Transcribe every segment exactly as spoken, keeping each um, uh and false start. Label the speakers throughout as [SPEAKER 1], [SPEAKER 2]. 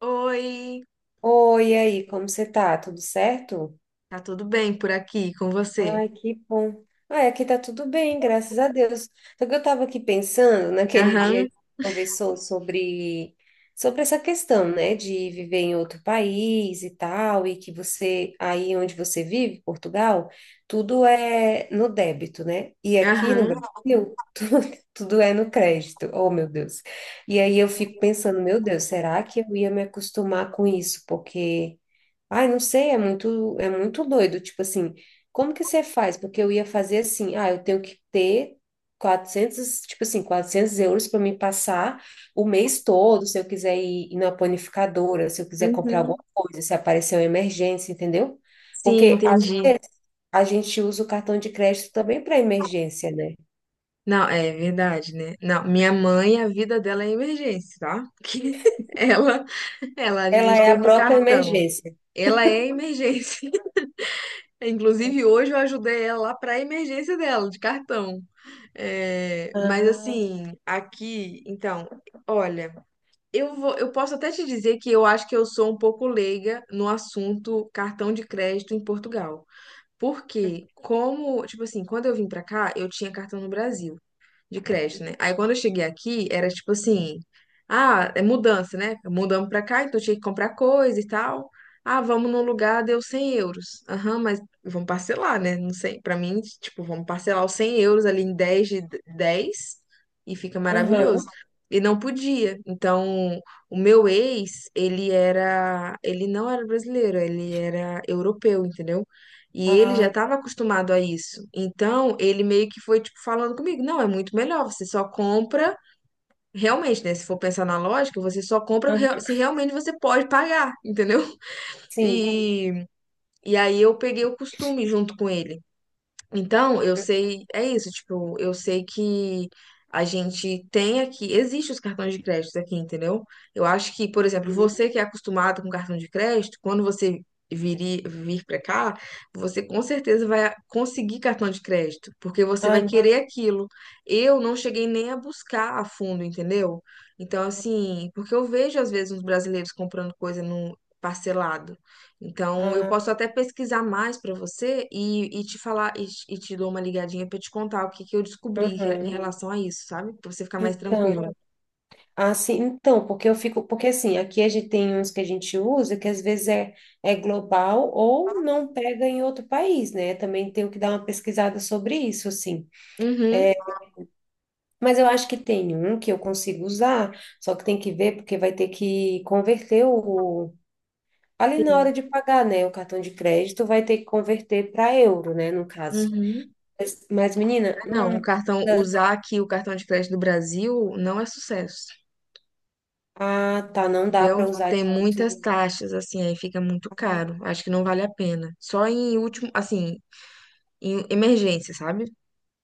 [SPEAKER 1] Oi,
[SPEAKER 2] Oi, e aí, como você tá? Tudo certo?
[SPEAKER 1] tá tudo bem por aqui com você?
[SPEAKER 2] Ai, que bom. Ai, aqui tá tudo bem, graças a Deus. Só que eu tava aqui pensando naquele
[SPEAKER 1] Aham,
[SPEAKER 2] dia que conversou sobre sobre essa questão, né, de viver em outro país e tal, e que você aí onde você vive, Portugal, tudo é no débito, né? E aqui no
[SPEAKER 1] aham,
[SPEAKER 2] Brasil, tudo, tudo é no crédito. Oh, meu Deus. E aí eu fico pensando, meu Deus, será que eu ia me acostumar com isso? Porque ai, não sei, é muito, é muito doido. Tipo assim, como que você faz? Porque eu ia fazer assim, ah, eu tenho que ter quatrocentos tipo assim, quatrocentos euros para me passar o mês todo, se eu quiser ir, ir na panificadora, se eu quiser comprar alguma coisa, se aparecer uma emergência, entendeu?
[SPEAKER 1] sim,
[SPEAKER 2] Porque às
[SPEAKER 1] entendi.
[SPEAKER 2] vezes a gente usa o cartão de crédito também para emergência, né?
[SPEAKER 1] Não, é verdade, né? Não, minha mãe, a vida dela é emergência, tá? Porque ela, ela
[SPEAKER 2] Ela
[SPEAKER 1] administra
[SPEAKER 2] é a
[SPEAKER 1] tudo no
[SPEAKER 2] própria
[SPEAKER 1] cartão.
[SPEAKER 2] emergência.
[SPEAKER 1] Ela é emergência. Inclusive, hoje eu ajudei ela lá pra emergência dela, de cartão. É, mas
[SPEAKER 2] Ah,
[SPEAKER 1] assim, aqui, então, olha, eu vou, eu posso até te dizer que eu acho que eu sou um pouco leiga no assunto cartão de crédito em Portugal. Porque, como, tipo assim, quando eu vim pra cá, eu tinha cartão no Brasil, de crédito, né? Aí quando eu cheguei aqui, era tipo assim, ah, é mudança, né? Mudamos pra cá, então eu tinha que comprar coisa e tal. Ah, vamos num lugar, deu cem euros. Aham, mas vamos parcelar, né? Não sei, pra mim, tipo, vamos parcelar os cem euros ali em dez de dez e fica maravilhoso.
[SPEAKER 2] aham,
[SPEAKER 1] E não podia. Então, o meu ex, ele era, ele não era brasileiro, ele era europeu, entendeu? E ele já
[SPEAKER 2] ah,
[SPEAKER 1] estava acostumado a isso. Então, ele meio que foi, tipo, falando comigo: não, é muito melhor, você só compra. Realmente, né? Se for pensar na lógica, você só compra
[SPEAKER 2] aham,
[SPEAKER 1] rea- se realmente você pode pagar, entendeu?
[SPEAKER 2] sim.
[SPEAKER 1] E, e aí eu peguei o costume junto com ele. Então, eu sei, é isso, tipo, eu sei que a gente tem aqui, existem os cartões de crédito aqui, entendeu? Eu acho que, por exemplo,
[SPEAKER 2] Uhum.
[SPEAKER 1] você que é acostumado com cartão de crédito, quando você vir, vir para cá, você com certeza vai conseguir cartão de crédito, porque você
[SPEAKER 2] Ah,
[SPEAKER 1] vai
[SPEAKER 2] não.
[SPEAKER 1] querer aquilo. Eu não cheguei nem a buscar a fundo, entendeu? Então, assim, porque eu vejo às vezes uns brasileiros comprando coisa no parcelado. Então, eu
[SPEAKER 2] Ah.
[SPEAKER 1] posso até pesquisar mais para você e, e te falar, e, te e te dou uma ligadinha para te contar o que que eu descobri re- em
[SPEAKER 2] Uhum.
[SPEAKER 1] relação a isso, sabe? Para você ficar mais
[SPEAKER 2] Então,
[SPEAKER 1] tranquila.
[SPEAKER 2] assim, então, porque eu fico, porque assim, aqui a gente tem uns que a gente usa que às vezes é, é global ou não pega em outro país, né? Também tenho que dar uma pesquisada sobre isso, assim.
[SPEAKER 1] Uhum.
[SPEAKER 2] Mas eu acho que tem um que eu consigo usar, só que tem que ver porque vai ter que converter o ali na hora
[SPEAKER 1] Sim.
[SPEAKER 2] de pagar, né? O cartão de crédito vai ter que converter para euro, né? No caso.
[SPEAKER 1] Uhum.
[SPEAKER 2] Mas, mas menina,
[SPEAKER 1] Ah, não, o
[SPEAKER 2] hum,
[SPEAKER 1] cartão, usar aqui o cartão de crédito do Brasil não é sucesso,
[SPEAKER 2] ah, tá, não dá
[SPEAKER 1] entendeu?
[SPEAKER 2] para usar.
[SPEAKER 1] Tem muitas taxas, assim, aí fica muito caro. Acho que não vale a pena. Só em último, assim, em emergência, sabe?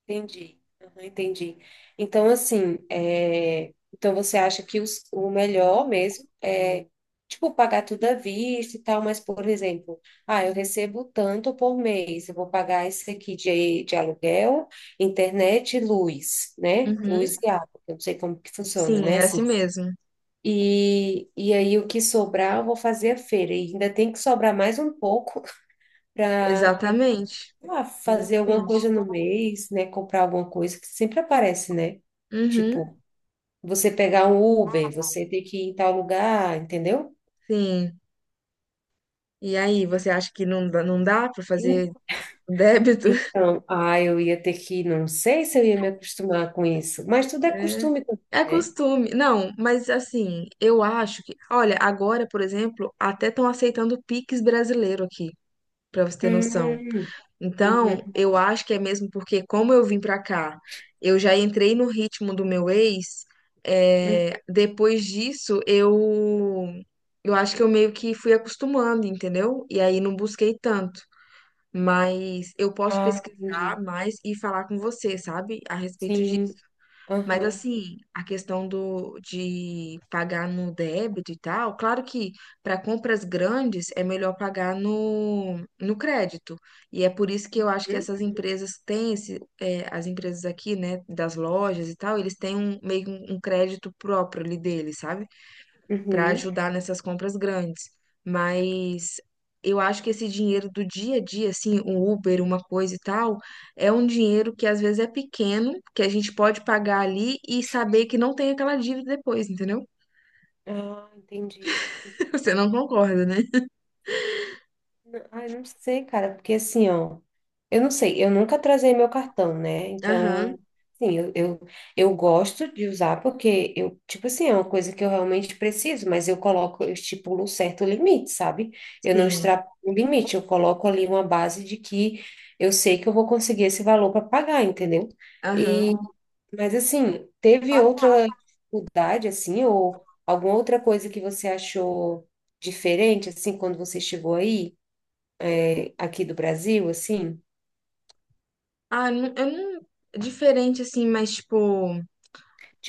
[SPEAKER 2] Entendi, aham, entendi. Então, assim, é, então você acha que os- o melhor mesmo é, tipo, pagar tudo à vista e tal, mas, por exemplo, ah, eu recebo tanto por mês, eu vou pagar esse aqui de, de aluguel, internet e luz, né?
[SPEAKER 1] Uhum.
[SPEAKER 2] Luz e água, eu não sei como que funciona,
[SPEAKER 1] Sim,
[SPEAKER 2] né?
[SPEAKER 1] é
[SPEAKER 2] Assim,
[SPEAKER 1] assim mesmo.
[SPEAKER 2] e, e aí o que sobrar eu vou fazer a feira, e ainda tem que sobrar mais um pouco para
[SPEAKER 1] Exatamente.
[SPEAKER 2] ah, fazer alguma
[SPEAKER 1] Exatamente.
[SPEAKER 2] coisa no mês, né? Comprar alguma coisa que sempre aparece, né? Tipo,
[SPEAKER 1] Uhum.
[SPEAKER 2] você pegar um Uber, você ter que ir em tal lugar, entendeu?
[SPEAKER 1] Sim. E aí, você acha que não, dá- não dá para
[SPEAKER 2] En-
[SPEAKER 1] fazer débito?
[SPEAKER 2] Então, ah, eu ia ter que, não sei se eu ia me acostumar com isso, mas tudo é
[SPEAKER 1] É.
[SPEAKER 2] costume também,
[SPEAKER 1] É
[SPEAKER 2] né?
[SPEAKER 1] costume. Não, mas assim, eu acho que. Olha, agora, por exemplo, até estão aceitando o Pix brasileiro aqui, para você ter noção.
[SPEAKER 2] Uhum,
[SPEAKER 1] Então,
[SPEAKER 2] uhum,
[SPEAKER 1] eu acho que é mesmo porque, como eu vim para cá, eu já entrei no ritmo do meu ex,
[SPEAKER 2] uhum.
[SPEAKER 1] é, depois disso, eu. Eu acho que eu meio que fui acostumando, entendeu? E aí não busquei tanto. Mas eu posso
[SPEAKER 2] Ah,
[SPEAKER 1] pesquisar
[SPEAKER 2] entendi.
[SPEAKER 1] mais e falar com você, sabe, a respeito disso.
[SPEAKER 2] Sim,
[SPEAKER 1] Mas
[SPEAKER 2] aham.
[SPEAKER 1] assim, a questão do de pagar no débito e tal, claro que para compras grandes é melhor pagar no, no crédito. E é por isso que eu acho que
[SPEAKER 2] Uhum.
[SPEAKER 1] essas empresas têm esse, é, as empresas aqui, né, das lojas e tal, eles têm um meio que um um crédito próprio ali deles, sabe? Para
[SPEAKER 2] Uhum.
[SPEAKER 1] ajudar nessas compras grandes. Mas eu acho que esse dinheiro do dia a dia, assim, um Uber, uma coisa e tal, é um dinheiro que às vezes é pequeno, que a gente pode pagar ali e saber que não tem aquela dívida depois, entendeu?
[SPEAKER 2] Ah, entendi.
[SPEAKER 1] Você não concorda, né?
[SPEAKER 2] N- Ah, eu não sei, cara, porque assim, ó. Eu não sei, eu nunca trazei meu cartão, né? Então,
[SPEAKER 1] Aham,
[SPEAKER 2] sim, eu, eu, eu gosto de usar porque eu, tipo assim, é uma coisa que eu realmente preciso, mas eu coloco, eu estipulo um certo limite, sabe? Eu não
[SPEAKER 1] sim,
[SPEAKER 2] extrapo o limite, eu coloco ali uma base de que eu sei que eu vou conseguir esse valor para pagar, entendeu?
[SPEAKER 1] aham.
[SPEAKER 2] E, mas assim, teve outra dificuldade, assim, ou alguma outra coisa que você achou diferente, assim, quando você chegou aí, eh, aqui do Brasil, assim?
[SPEAKER 1] Ah, nu- eu não. Diferente assim, mas tipo.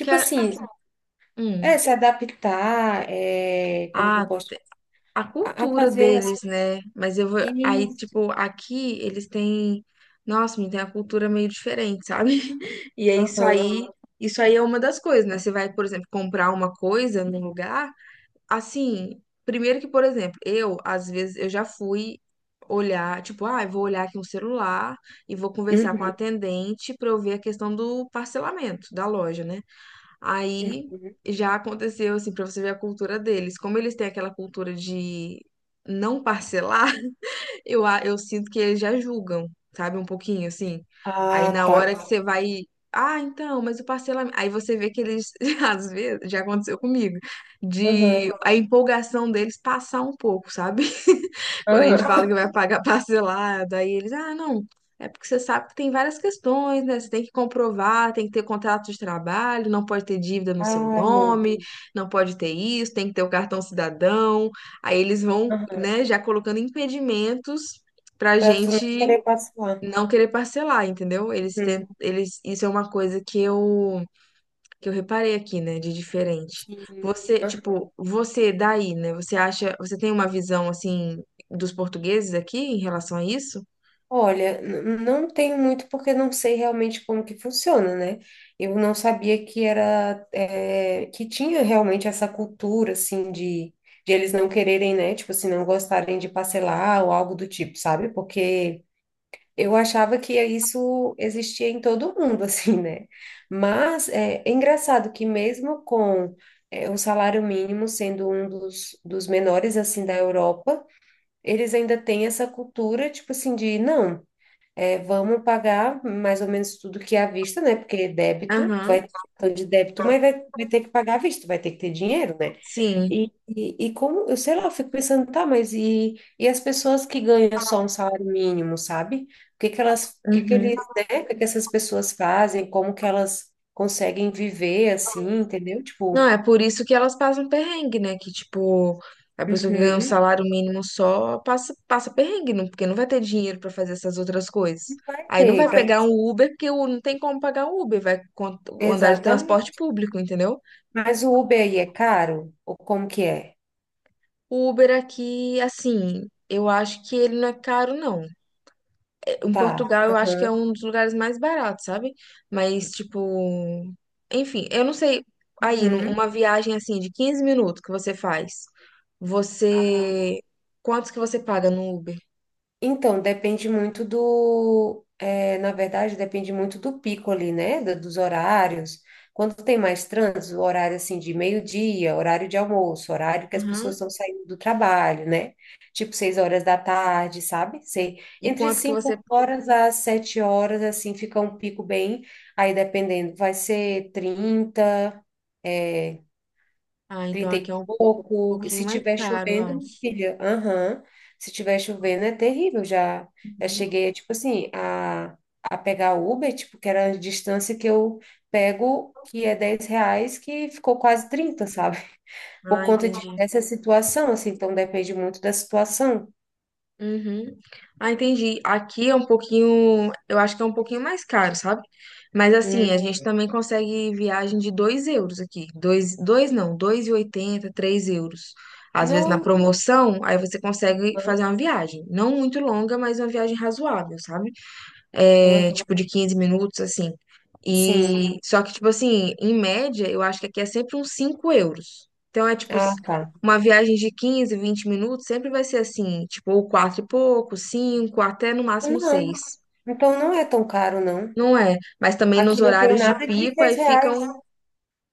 [SPEAKER 1] Que a-
[SPEAKER 2] assim, é,
[SPEAKER 1] hum.
[SPEAKER 2] se adaptar, é, como que eu
[SPEAKER 1] Ah,
[SPEAKER 2] posso,
[SPEAKER 1] a
[SPEAKER 2] a, a
[SPEAKER 1] cultura
[SPEAKER 2] fazer as...
[SPEAKER 1] deles, né? Mas eu vou. Aí,
[SPEAKER 2] Isso,
[SPEAKER 1] tipo, aqui eles têm. Nossa, me tem a cultura meio diferente, sabe? E é isso
[SPEAKER 2] aham,
[SPEAKER 1] aí. Isso aí é uma das coisas, né? Você vai, por exemplo, comprar uma coisa num lugar. Assim, primeiro que, por exemplo, eu, às vezes, eu já fui olhar, tipo, ah, eu vou olhar aqui um celular e vou conversar com a
[SPEAKER 2] uhum,
[SPEAKER 1] atendente pra eu ver a questão do parcelamento da loja, né? Aí
[SPEAKER 2] uhum.
[SPEAKER 1] já aconteceu, assim, pra você ver a cultura deles. Como eles têm aquela cultura de não parcelar, eu, a- eu sinto que eles já julgam, sabe? Um pouquinho, assim. Aí
[SPEAKER 2] Ah,
[SPEAKER 1] na
[SPEAKER 2] tá,
[SPEAKER 1] hora que você vai. Ah, então, mas o parcelamento. Aí você vê que eles, às vezes, já aconteceu comigo,
[SPEAKER 2] aham,
[SPEAKER 1] de a empolgação deles passar um pouco, sabe? Quando a gente fala
[SPEAKER 2] aham.
[SPEAKER 1] que vai pagar parcelado, aí eles, ah, não, é porque você sabe que tem várias questões, né? Você tem que comprovar, tem que ter contrato de trabalho, não pode ter dívida no seu
[SPEAKER 2] Ai, meu
[SPEAKER 1] nome,
[SPEAKER 2] Deus,
[SPEAKER 1] não pode ter isso, tem que ter o cartão cidadão. Aí eles vão,
[SPEAKER 2] aham.
[SPEAKER 1] né, já colocando impedimentos pra
[SPEAKER 2] Pra tu não
[SPEAKER 1] gente
[SPEAKER 2] querer passar.
[SPEAKER 1] não querer parcelar, entendeu? Eles tentam,
[SPEAKER 2] Uhum.
[SPEAKER 1] eles, isso é uma coisa que eu que eu reparei aqui, né, de diferente.
[SPEAKER 2] Sim.
[SPEAKER 1] Você,
[SPEAKER 2] Aham.
[SPEAKER 1] tipo, você daí, né? Você acha, você tem uma visão assim dos portugueses aqui em relação a isso?
[SPEAKER 2] Olha, n- não tenho muito porque não sei realmente como que funciona, né? Eu não sabia que era, é, que tinha realmente essa cultura, assim, de, de, eles não quererem, né? Tipo assim, não gostarem de parcelar ou algo do tipo, sabe? Porque... Eu achava que isso existia em todo mundo, assim, né? Mas é, é, engraçado que mesmo com é, o salário mínimo sendo um dos, dos menores, assim, da Europa, eles ainda têm essa cultura, tipo assim, de não, é, vamos pagar mais ou menos tudo que é à vista, né? Porque débito,
[SPEAKER 1] Aham.
[SPEAKER 2] vai, então de débito, mas vai, vai ter que pagar à vista, vai ter que ter dinheiro, né?
[SPEAKER 1] Sim.
[SPEAKER 2] E, e, e como, eu sei lá, eu fico pensando, tá, mas e, e as pessoas que ganham só um salário mínimo, sabe? O que que elas, o que que
[SPEAKER 1] Uhum.
[SPEAKER 2] eles, né? O que que essas pessoas fazem? Como que elas conseguem viver assim, entendeu?
[SPEAKER 1] Não,
[SPEAKER 2] Tipo,
[SPEAKER 1] é por isso que elas passam perrengue, né? Que, tipo, a pessoa que ganha um
[SPEAKER 2] uhum,
[SPEAKER 1] salário mínimo só passa, passa perrengue, não, porque não vai ter dinheiro pra fazer essas outras coisas. Aí não
[SPEAKER 2] tem
[SPEAKER 1] vai
[SPEAKER 2] pra-
[SPEAKER 1] pegar um Uber, porque o- não tem como pagar um Uber, vai con- andar de transporte
[SPEAKER 2] exatamente.
[SPEAKER 1] público, entendeu?
[SPEAKER 2] Mas o Uber aí é caro? Ou como que é?
[SPEAKER 1] O Uber aqui, assim, eu acho que ele não é caro, não. Em
[SPEAKER 2] Tá.
[SPEAKER 1] Portugal, eu acho que é
[SPEAKER 2] Uhum,
[SPEAKER 1] um dos lugares mais baratos, sabe? Mas, tipo, enfim, eu não sei. Aí, num-
[SPEAKER 2] uhum.
[SPEAKER 1] uma viagem assim de quinze minutos que você faz, você. Quantos que você paga no Uber?
[SPEAKER 2] Então, depende muito do. É, na verdade, depende muito do pico ali, né? do- Dos horários. Quando tem mais trânsito, o horário assim de meio-dia, horário de almoço, horário que as pessoas
[SPEAKER 1] Aham.
[SPEAKER 2] estão saindo do trabalho, né? Tipo seis horas da tarde, sabe? Sei.
[SPEAKER 1] E
[SPEAKER 2] Entre
[SPEAKER 1] quanto que você.
[SPEAKER 2] cinco horas às sete horas, assim, fica um pico bem. Aí dependendo, vai ser trinta é,
[SPEAKER 1] Ah, então
[SPEAKER 2] trinta
[SPEAKER 1] aqui é
[SPEAKER 2] e
[SPEAKER 1] um
[SPEAKER 2] pouco. E
[SPEAKER 1] pouquinho
[SPEAKER 2] se
[SPEAKER 1] mais
[SPEAKER 2] tiver
[SPEAKER 1] caro, eu
[SPEAKER 2] chovendo,
[SPEAKER 1] acho.
[SPEAKER 2] filha, aham. Se tiver chovendo é terrível. Já, já
[SPEAKER 1] Uhum.
[SPEAKER 2] cheguei, tipo assim, a, a pegar Uber, tipo, que era a distância que eu pego, que é dez reais, que ficou quase trinta, sabe? Por
[SPEAKER 1] Ah,
[SPEAKER 2] conta de,
[SPEAKER 1] entendi.
[SPEAKER 2] dessa situação, assim, então depende muito da situação.
[SPEAKER 1] Uhum. Ah, entendi. Aqui é um pouquinho, eu acho que é um pouquinho mais caro, sabe? Mas assim,
[SPEAKER 2] Hum.
[SPEAKER 1] a gente também consegue viagem de dois euros aqui. Dois, dois, não, dois e oitenta, três euros. Às vezes na
[SPEAKER 2] Nossa.
[SPEAKER 1] promoção, aí você consegue
[SPEAKER 2] Hã?
[SPEAKER 1] fazer uma viagem. Não muito longa, mas uma viagem razoável, sabe? É,
[SPEAKER 2] Hã?
[SPEAKER 1] tipo, de quinze minutos, assim.
[SPEAKER 2] Sim.
[SPEAKER 1] E só que, tipo assim, em média, eu acho que aqui é sempre uns cinco euros. Então é tipo s-
[SPEAKER 2] Ah, tá.
[SPEAKER 1] uma viagem de quinze, vinte minutos, sempre vai ser assim, tipo, ou quatro e pouco, cinco até no máximo
[SPEAKER 2] Não,
[SPEAKER 1] seis.
[SPEAKER 2] então não é tão caro, não.
[SPEAKER 1] Não é? Mas também nos
[SPEAKER 2] Aqui não tem
[SPEAKER 1] horários de
[SPEAKER 2] nada de
[SPEAKER 1] pico, aí
[SPEAKER 2] seis reais.
[SPEAKER 1] ficam.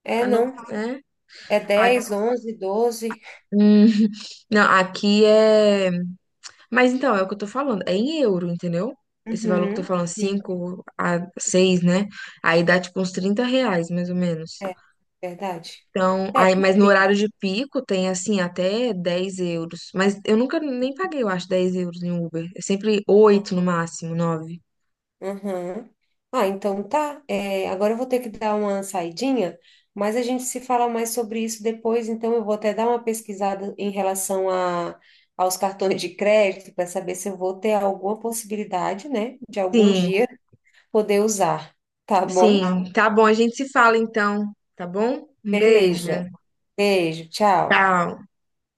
[SPEAKER 2] É,
[SPEAKER 1] ah, não-
[SPEAKER 2] não.
[SPEAKER 1] É?
[SPEAKER 2] É dez
[SPEAKER 1] A-
[SPEAKER 2] onze doze
[SPEAKER 1] Hum, não, aqui é. Mas então, é o que eu tô falando, é em euro, entendeu? Esse valor que eu tô
[SPEAKER 2] Uhum.
[SPEAKER 1] falando,
[SPEAKER 2] Sim,
[SPEAKER 1] cinco a seis, né? Aí dá tipo uns trinta reais, mais ou menos.
[SPEAKER 2] é verdade.
[SPEAKER 1] Então, aí, mas no
[SPEAKER 2] Sim.
[SPEAKER 1] horário de pico tem assim até dez euros. Mas eu nunca nem paguei, eu acho, dez euros em Uber. É sempre oito no máximo, nove.
[SPEAKER 2] Uhum. Ah, então tá. É, agora eu vou ter que dar uma saidinha, mas a gente se fala mais sobre isso depois. Então eu vou até dar uma pesquisada em relação a, aos cartões de crédito para saber se eu vou ter alguma possibilidade, né, de algum
[SPEAKER 1] Sim,
[SPEAKER 2] dia poder usar. Tá bom?
[SPEAKER 1] sim. Tá bom, a gente se fala então, tá bom? Um beijo.
[SPEAKER 2] Beleza. Beijo, tchau.
[SPEAKER 1] Tchau.